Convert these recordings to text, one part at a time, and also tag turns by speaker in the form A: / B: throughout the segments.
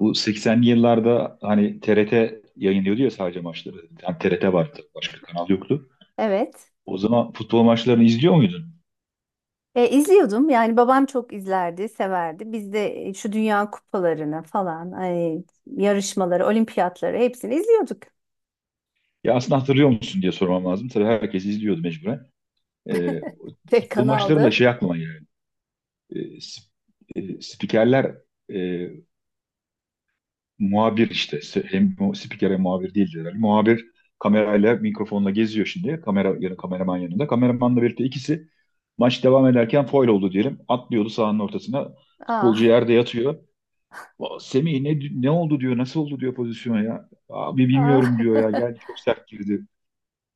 A: Bu 80'li yıllarda hani TRT yayınlıyordu ya sadece maçları. Yani TRT vardı. Başka kanal yoktu.
B: Evet.
A: O zaman futbol maçlarını izliyor muydun?
B: İzliyordum. Yani babam çok izlerdi, severdi. Biz de şu dünya kupalarını falan, ay, yarışmaları, olimpiyatları hepsini izliyorduk.
A: Ya aslında hatırlıyor musun diye sormam lazım. Tabii herkes izliyordu mecburen. Ee,
B: Tek
A: futbol maçlarında
B: kanaldı.
A: şey aklıma geldi. Ee, sp- e, spikerler, e, muhabir işte, hem spiker hem muhabir değildi herhalde. Muhabir kamerayla mikrofonla geziyor şimdi. Kamera yanı kameraman yanında. Kameramanla birlikte ikisi, maç devam ederken faul oldu diyelim, atlıyordu sahanın ortasına. Futbolcu
B: Aa,
A: yerde yatıyor. "Aa, Semih ne oldu diyor. Nasıl oldu diyor pozisyona ya. Abi
B: aa,
A: bilmiyorum diyor ya. Geldi, çok sert girdi.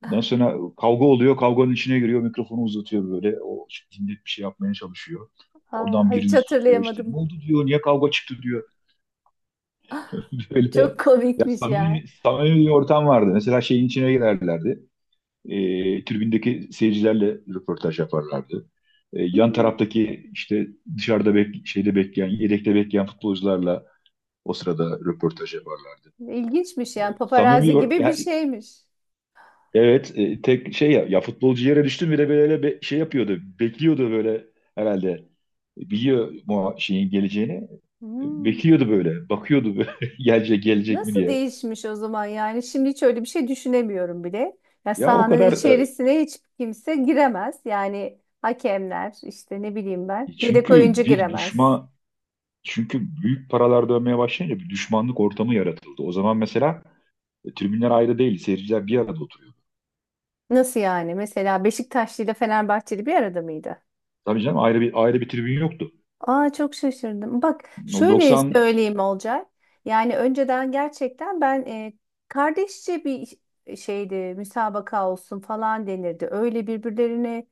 A: Ondan sonra kavga oluyor. Kavganın içine giriyor. Mikrofonu uzatıyor böyle. O işte dinlet bir şey yapmaya çalışıyor. Oradan
B: hiç
A: birini tutuyor işte. Ne
B: hatırlayamadım.
A: oldu diyor. Niye kavga çıktı diyor.
B: Çok
A: Öyle ya,
B: komikmiş ya.
A: samimi, samimi bir ortam vardı. Mesela şeyin içine girerlerdi. Tribündeki seyircilerle röportaj yaparlardı. Yan
B: Hmm,
A: taraftaki işte dışarıda şeyde bekleyen, yedekte bekleyen futbolcularla o sırada röportaj yaparlardı.
B: İlginçmiş yani
A: Samimi
B: paparazzi
A: bir
B: gibi bir
A: ya,
B: şeymiş.
A: evet, tek şey ya, ya futbolcu yere düştü bile böyle şey yapıyordu. Bekliyordu böyle herhalde. Biliyor mu şeyin geleceğini.
B: Hmm.
A: Bekliyordu böyle. Bakıyordu böyle, gelecek gelecek mi
B: Nasıl
A: diye.
B: değişmiş o zaman yani? Şimdi hiç öyle bir şey düşünemiyorum bile. Ya
A: Ya o
B: sahanın
A: kadar.
B: içerisine hiç kimse giremez. Yani hakemler işte ne bileyim ben. Yedek
A: Çünkü
B: oyuncu
A: bir
B: giremez.
A: düşman, çünkü büyük paralar dönmeye başlayınca bir düşmanlık ortamı yaratıldı. O zaman mesela, tribünler ayrı değil, seyirciler bir arada oturuyor.
B: Nasıl yani? Mesela Beşiktaşlı ile Fenerbahçeli bir arada mıydı?
A: Tabii canım, ayrı bir tribün yoktu.
B: Aa, çok şaşırdım. Bak
A: O
B: şöyle
A: 90.
B: söyleyeyim Olcay. Yani önceden gerçekten ben kardeşçe bir şeydi müsabaka olsun falan denirdi. Öyle birbirlerine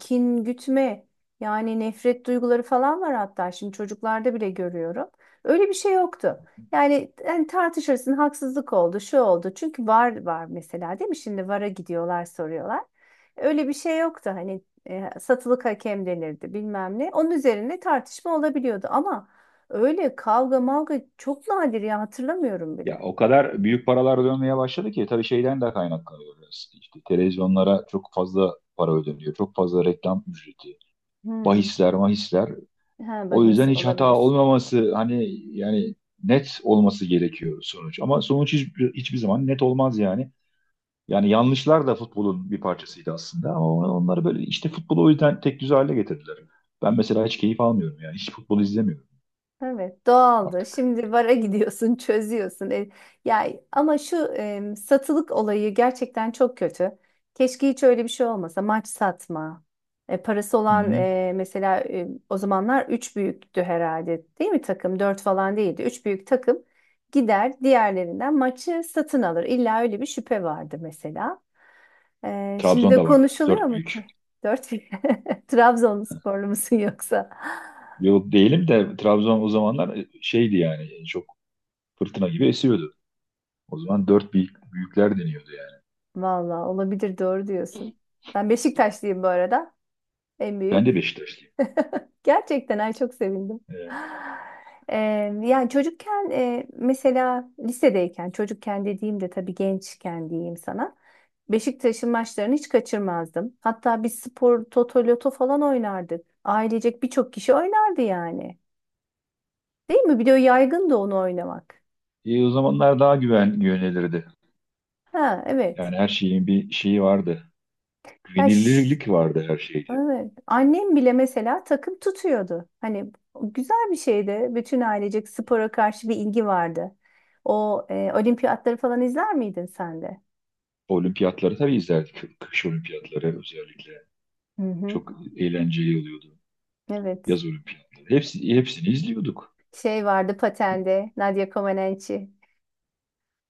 B: kin gütme yani nefret duyguları falan var hatta şimdi çocuklarda bile görüyorum. Öyle bir şey yoktu. Yani tartışırsın haksızlık oldu şu oldu. Çünkü var var mesela değil mi? Şimdi VAR'a gidiyorlar soruyorlar. Öyle bir şey yoktu. Hani satılık hakem denirdi bilmem ne. Onun üzerine tartışma olabiliyordu ama öyle kavga mavga çok nadir ya hatırlamıyorum bile.
A: Ya o kadar büyük paralar dönmeye başladı ki tabii şeyden de kaynaklanıyor biraz. İşte televizyonlara çok fazla para ödeniyor, çok fazla reklam ücreti,
B: Hmm.
A: bahisler, mahisler.
B: Ha,
A: O
B: bahis
A: yüzden hiç hata
B: olabilir.
A: olmaması hani yani net olması gerekiyor sonuç. Ama sonuç hiç, hiçbir zaman net olmaz yani. Yani yanlışlar da futbolun bir parçasıydı aslında ama onları böyle işte futbolu o yüzden tek düze hale getirdiler. Ben mesela hiç keyif almıyorum, yani hiç futbol izlemiyorum
B: Evet, doğaldı.
A: artık.
B: Şimdi bara gidiyorsun, çözüyorsun. Ya ama şu satılık olayı gerçekten çok kötü. Keşke hiç öyle bir şey olmasa. Maç satma. E, parası
A: Hı
B: olan
A: hı.
B: e, mesela e, o zamanlar 3 büyüktü herhalde. Değil mi takım? 4 falan değildi. Üç büyük takım gider diğerlerinden maçı satın alır. İlla öyle bir şüphe vardı mesela. E, şimdi de
A: Trabzon'da vardı
B: konuşuluyor
A: dört
B: mu ki?
A: büyük.
B: 4 Trabzonsporlu musun yoksa?
A: Yok, değilim de Trabzon o zamanlar, şeydi yani, çok fırtına gibi esiyordu. O zaman dört büyükler deniyordu yani.
B: Valla olabilir doğru diyorsun. Ben Beşiktaşlıyım bu arada. En
A: Ben de
B: büyük.
A: Beşiktaşlıyım.
B: Gerçekten ay çok sevindim.
A: Evet.
B: Ee, yani çocukken mesela lisedeyken çocukken dediğim de tabii gençken diyeyim sana. Beşiktaş'ın maçlarını hiç kaçırmazdım. Hatta biz spor toto loto falan oynardık. Ailecek birçok kişi oynardı yani. Değil mi? Bir de o yaygındı onu oynamak.
A: O zamanlar daha güven yönelirdi.
B: Ha evet.
A: Yani her şeyin bir şeyi vardı.
B: Ya şu-
A: Güvenilirlik vardı her şeyde.
B: Evet. Annem bile mesela takım tutuyordu. Hani güzel bir şeydi. Bütün ailecek spora karşı bir ilgi vardı. O olimpiyatları falan izler miydin sen de?
A: Olimpiyatları tabii izlerdik. Kış olimpiyatları özellikle.
B: Hı hı.
A: Çok eğlenceli oluyordu
B: Evet.
A: yaz olimpiyatları. Hepsini izliyorduk.
B: Şey vardı patende. Nadia Comaneci.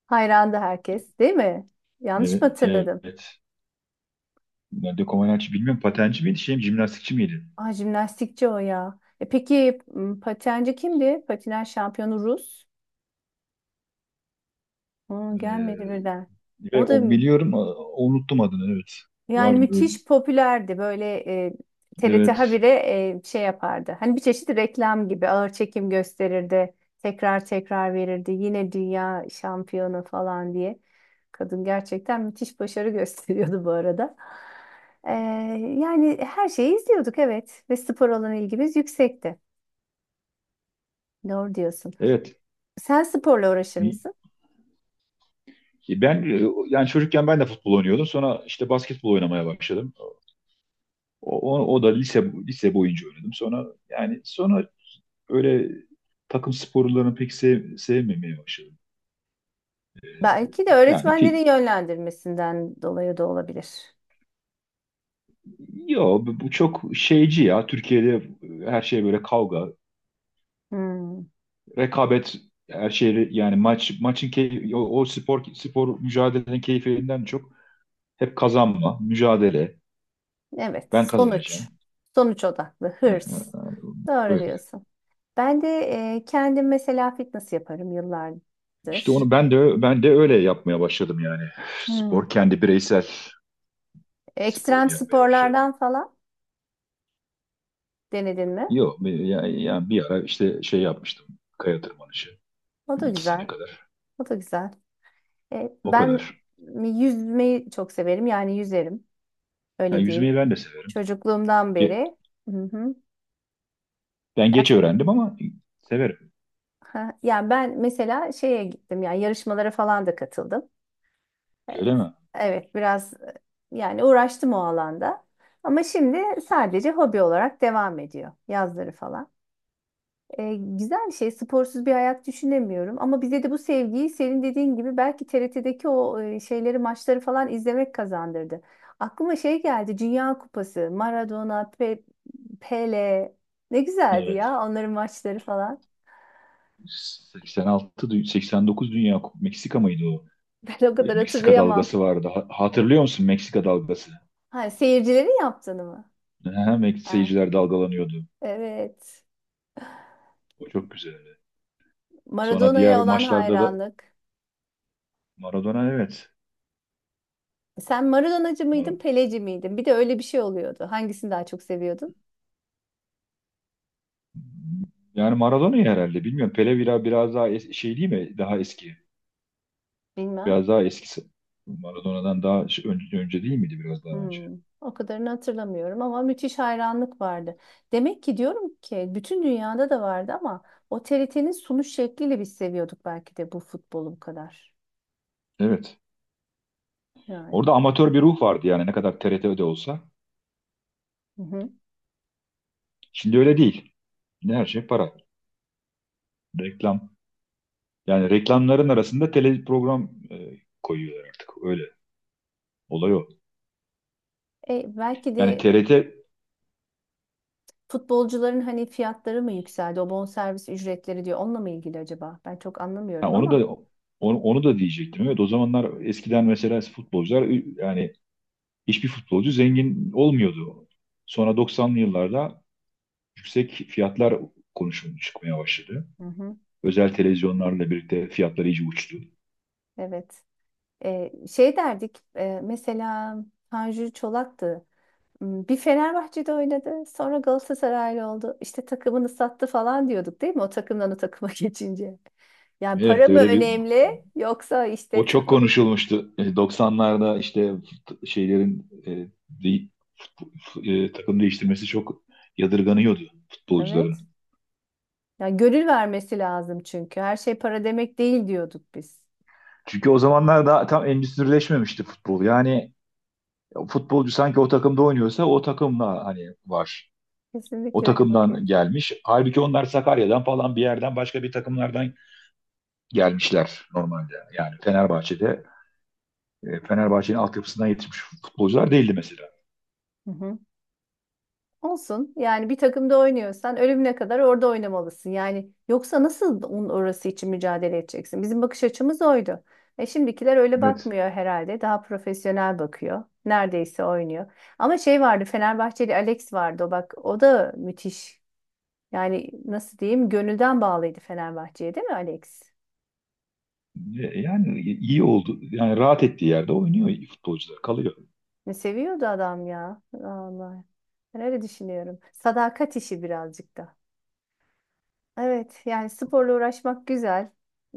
B: Hayrandı herkes, değil mi? Yanlış mı
A: Evet.
B: hatırladım?
A: Evet. Nerede Komaneci bilmiyorum. Patenci miydi? Şey mi? Jimnastikçi miydi?
B: Aa, jimnastikçi o ya. Peki patenci kimdi? Patinaj şampiyonu Rus. Aa,
A: Ee,
B: gelmedi birden. O
A: ve
B: da
A: o
B: Hı.
A: biliyorum. Unuttum adını. Evet.
B: Yani
A: Vardı öyle.
B: müthiş popülerdi böyle e, TRT
A: Evet.
B: habire şey yapardı. Hani bir çeşit reklam gibi ağır çekim gösterirdi. Tekrar tekrar verirdi. Yine dünya şampiyonu falan diye. Kadın gerçekten müthiş başarı gösteriyordu bu arada. E, Yani her şeyi izliyorduk evet ve spor olan ilgimiz yüksekti. Doğru diyorsun.
A: Evet.
B: Sen sporla uğraşır mısın?
A: Ben yani çocukken ben de futbol oynuyordum. Sonra işte basketbol oynamaya başladım. O da lise boyunca oynadım. Sonra yani sonra öyle takım sporlarını pek sevmemeye başladım.
B: Belki de
A: Yani,
B: öğretmenlerin yönlendirmesinden dolayı da olabilir.
A: yo, bu çok şeyci ya. Türkiye'de her şey böyle kavga,
B: Hmm,
A: rekabet, her şey yani maçın keyfi, o spor mücadelenin keyfinden çok hep kazanma, mücadele.
B: evet,
A: Ben
B: sonuç.
A: kazanacağım.
B: Sonuç odaklı,
A: Yani.
B: hırs. Doğru
A: Böyle.
B: diyorsun. Ben de kendim mesela fitness yaparım
A: İşte
B: yıllardır.
A: onu ben de öyle yapmaya başladım yani.
B: Hmm.
A: Spor, kendi bireysel
B: Ekstrem
A: sporumu yapmaya başladım.
B: sporlardan falan denedin mi?
A: Yok, yani, bir ara işte şey yapmıştım. Kaya tırmanışı.
B: O
A: Bir
B: da
A: iki sene
B: güzel.
A: kadar.
B: O da güzel.
A: O kadar.
B: Ben yüzmeyi çok severim. Yani yüzerim.
A: Yani
B: Öyle diyeyim.
A: yüzmeyi ben de severim.
B: Çocukluğumdan
A: Ge-
B: beri. Hı hı.
A: Ben geç öğrendim ama severim.
B: Ha, yani ben mesela şeye gittim yani yarışmalara falan da katıldım. E,
A: Öyle mi?
B: Evet biraz, yani uğraştım o alanda. Ama şimdi sadece hobi olarak devam ediyor yazları falan. Güzel bir şey sporsuz bir hayat düşünemiyorum. Ama bize de bu sevgiyi senin dediğin gibi belki TRT'deki o e, şeyleri maçları falan izlemek kazandırdı. Aklıma şey geldi Dünya Kupası, Maradona, Pele ne güzeldi
A: Evet.
B: ya onların maçları falan.
A: 86, 89 Dünya Meksika mıydı o?
B: Ben o
A: E,
B: kadar
A: Meksika
B: hatırlayamam.
A: dalgası vardı. Hatırlıyor musun Meksika dalgası?
B: Ha, seyircilerin yaptığını mı?
A: Aha,
B: Ha,
A: seyirciler dalgalanıyordu.
B: evet.
A: O çok güzeldi. Sonra diğer
B: Maradona'ya olan
A: maçlarda da
B: hayranlık.
A: Maradona, evet.
B: Sen Maradonacı mıydın,
A: Mara-
B: Peleci miydin? Bir de öyle bir şey oluyordu. Hangisini daha çok seviyordun?
A: yani Maradona'yı herhalde bilmiyorum. Pele biraz daha şey değil mi? Daha eski.
B: Bilmem.
A: Biraz daha eskisi. Maradona'dan daha önce değil miydi, biraz daha önce?
B: Hmm, o kadarını hatırlamıyorum ama müthiş hayranlık vardı. Demek ki diyorum ki bütün dünyada da vardı ama o TRT'nin sunuş şekliyle biz seviyorduk belki de bu futbolu bu kadar.
A: Evet.
B: Yani.
A: Orada amatör bir ruh vardı yani, ne kadar TRT'de olsa.
B: Hı hı.
A: Şimdi öyle değil. Şimdi her şey para. Reklam. Yani reklamların arasında tele program koyuyorlar artık. Öyle. Olay o.
B: E, belki
A: Yani
B: de
A: TRT,
B: futbolcuların hani fiyatları mı yükseldi? O bonservis ücretleri diyor. Onunla mı ilgili acaba? Ben çok
A: ha,
B: anlamıyorum
A: onu
B: ama.
A: da onu da diyecektim. Evet, o zamanlar eskiden mesela futbolcular, yani hiçbir futbolcu zengin olmuyordu. Sonra 90'lı yıllarda yüksek fiyatlar konuşulmaya çıkmaya başladı.
B: Hı hı.
A: Özel televizyonlarla birlikte fiyatlar iyice uçtu.
B: Evet. Şey derdik. Mesela Tanju Çolak'tı. Hmm, bir Fenerbahçe'de oynadı. Sonra Galatasaraylı oldu. İşte takımını sattı falan diyorduk değil mi? O takımdan o takıma geçince. Yani para
A: Evet
B: mı
A: öyle bir.
B: önemli yoksa
A: O
B: işte
A: çok
B: takım.
A: konuşulmuştu. 90'larda işte şeylerin de- takım değiştirmesi çok yadırganıyordu futbolcuların.
B: Evet. Yani gönül vermesi lazım çünkü. Her şey para demek değil diyorduk biz.
A: Çünkü o zamanlar daha tam endüstrileşmemişti futbol. Yani futbolcu sanki o takımda oynuyorsa o takımla hani var. O
B: Kesinlikle öyle bakıyoruz.
A: takımdan gelmiş. Halbuki onlar Sakarya'dan falan bir yerden başka bir takımlardan gelmişler normalde. Yani Fenerbahçe'de, Fenerbahçe'nin altyapısından yetişmiş futbolcular değildi mesela.
B: Hı hı. Olsun. Yani bir takımda oynuyorsan ölümüne kadar orada oynamalısın. Yani yoksa nasıl onun orası için mücadele edeceksin? Bizim bakış açımız oydu. E şimdikiler öyle
A: Evet.
B: bakmıyor herhalde. Daha profesyonel bakıyor. Neredeyse oynuyor. Ama şey vardı Fenerbahçeli Alex vardı. O bak o da müthiş. Yani nasıl diyeyim gönülden bağlıydı Fenerbahçe'ye değil mi Alex?
A: Yani iyi oldu. Yani rahat ettiği yerde oynuyor futbolcular, kalıyor.
B: Ne seviyordu adam ya. Allah. Ben öyle düşünüyorum. Sadakat işi birazcık da. Evet, yani sporla uğraşmak güzel.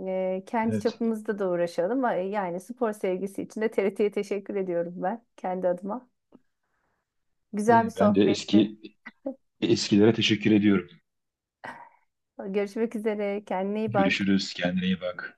B: Kendi
A: Evet.
B: çapımızda da uğraşalım. Ama yani spor sevgisi için de TRT'ye teşekkür ediyorum ben kendi adıma.
A: E,
B: Güzel bir
A: Ben de
B: sohbetti.
A: eskilere teşekkür ediyorum.
B: Görüşmek üzere. Kendine iyi bak.
A: Görüşürüz. Kendine iyi bak.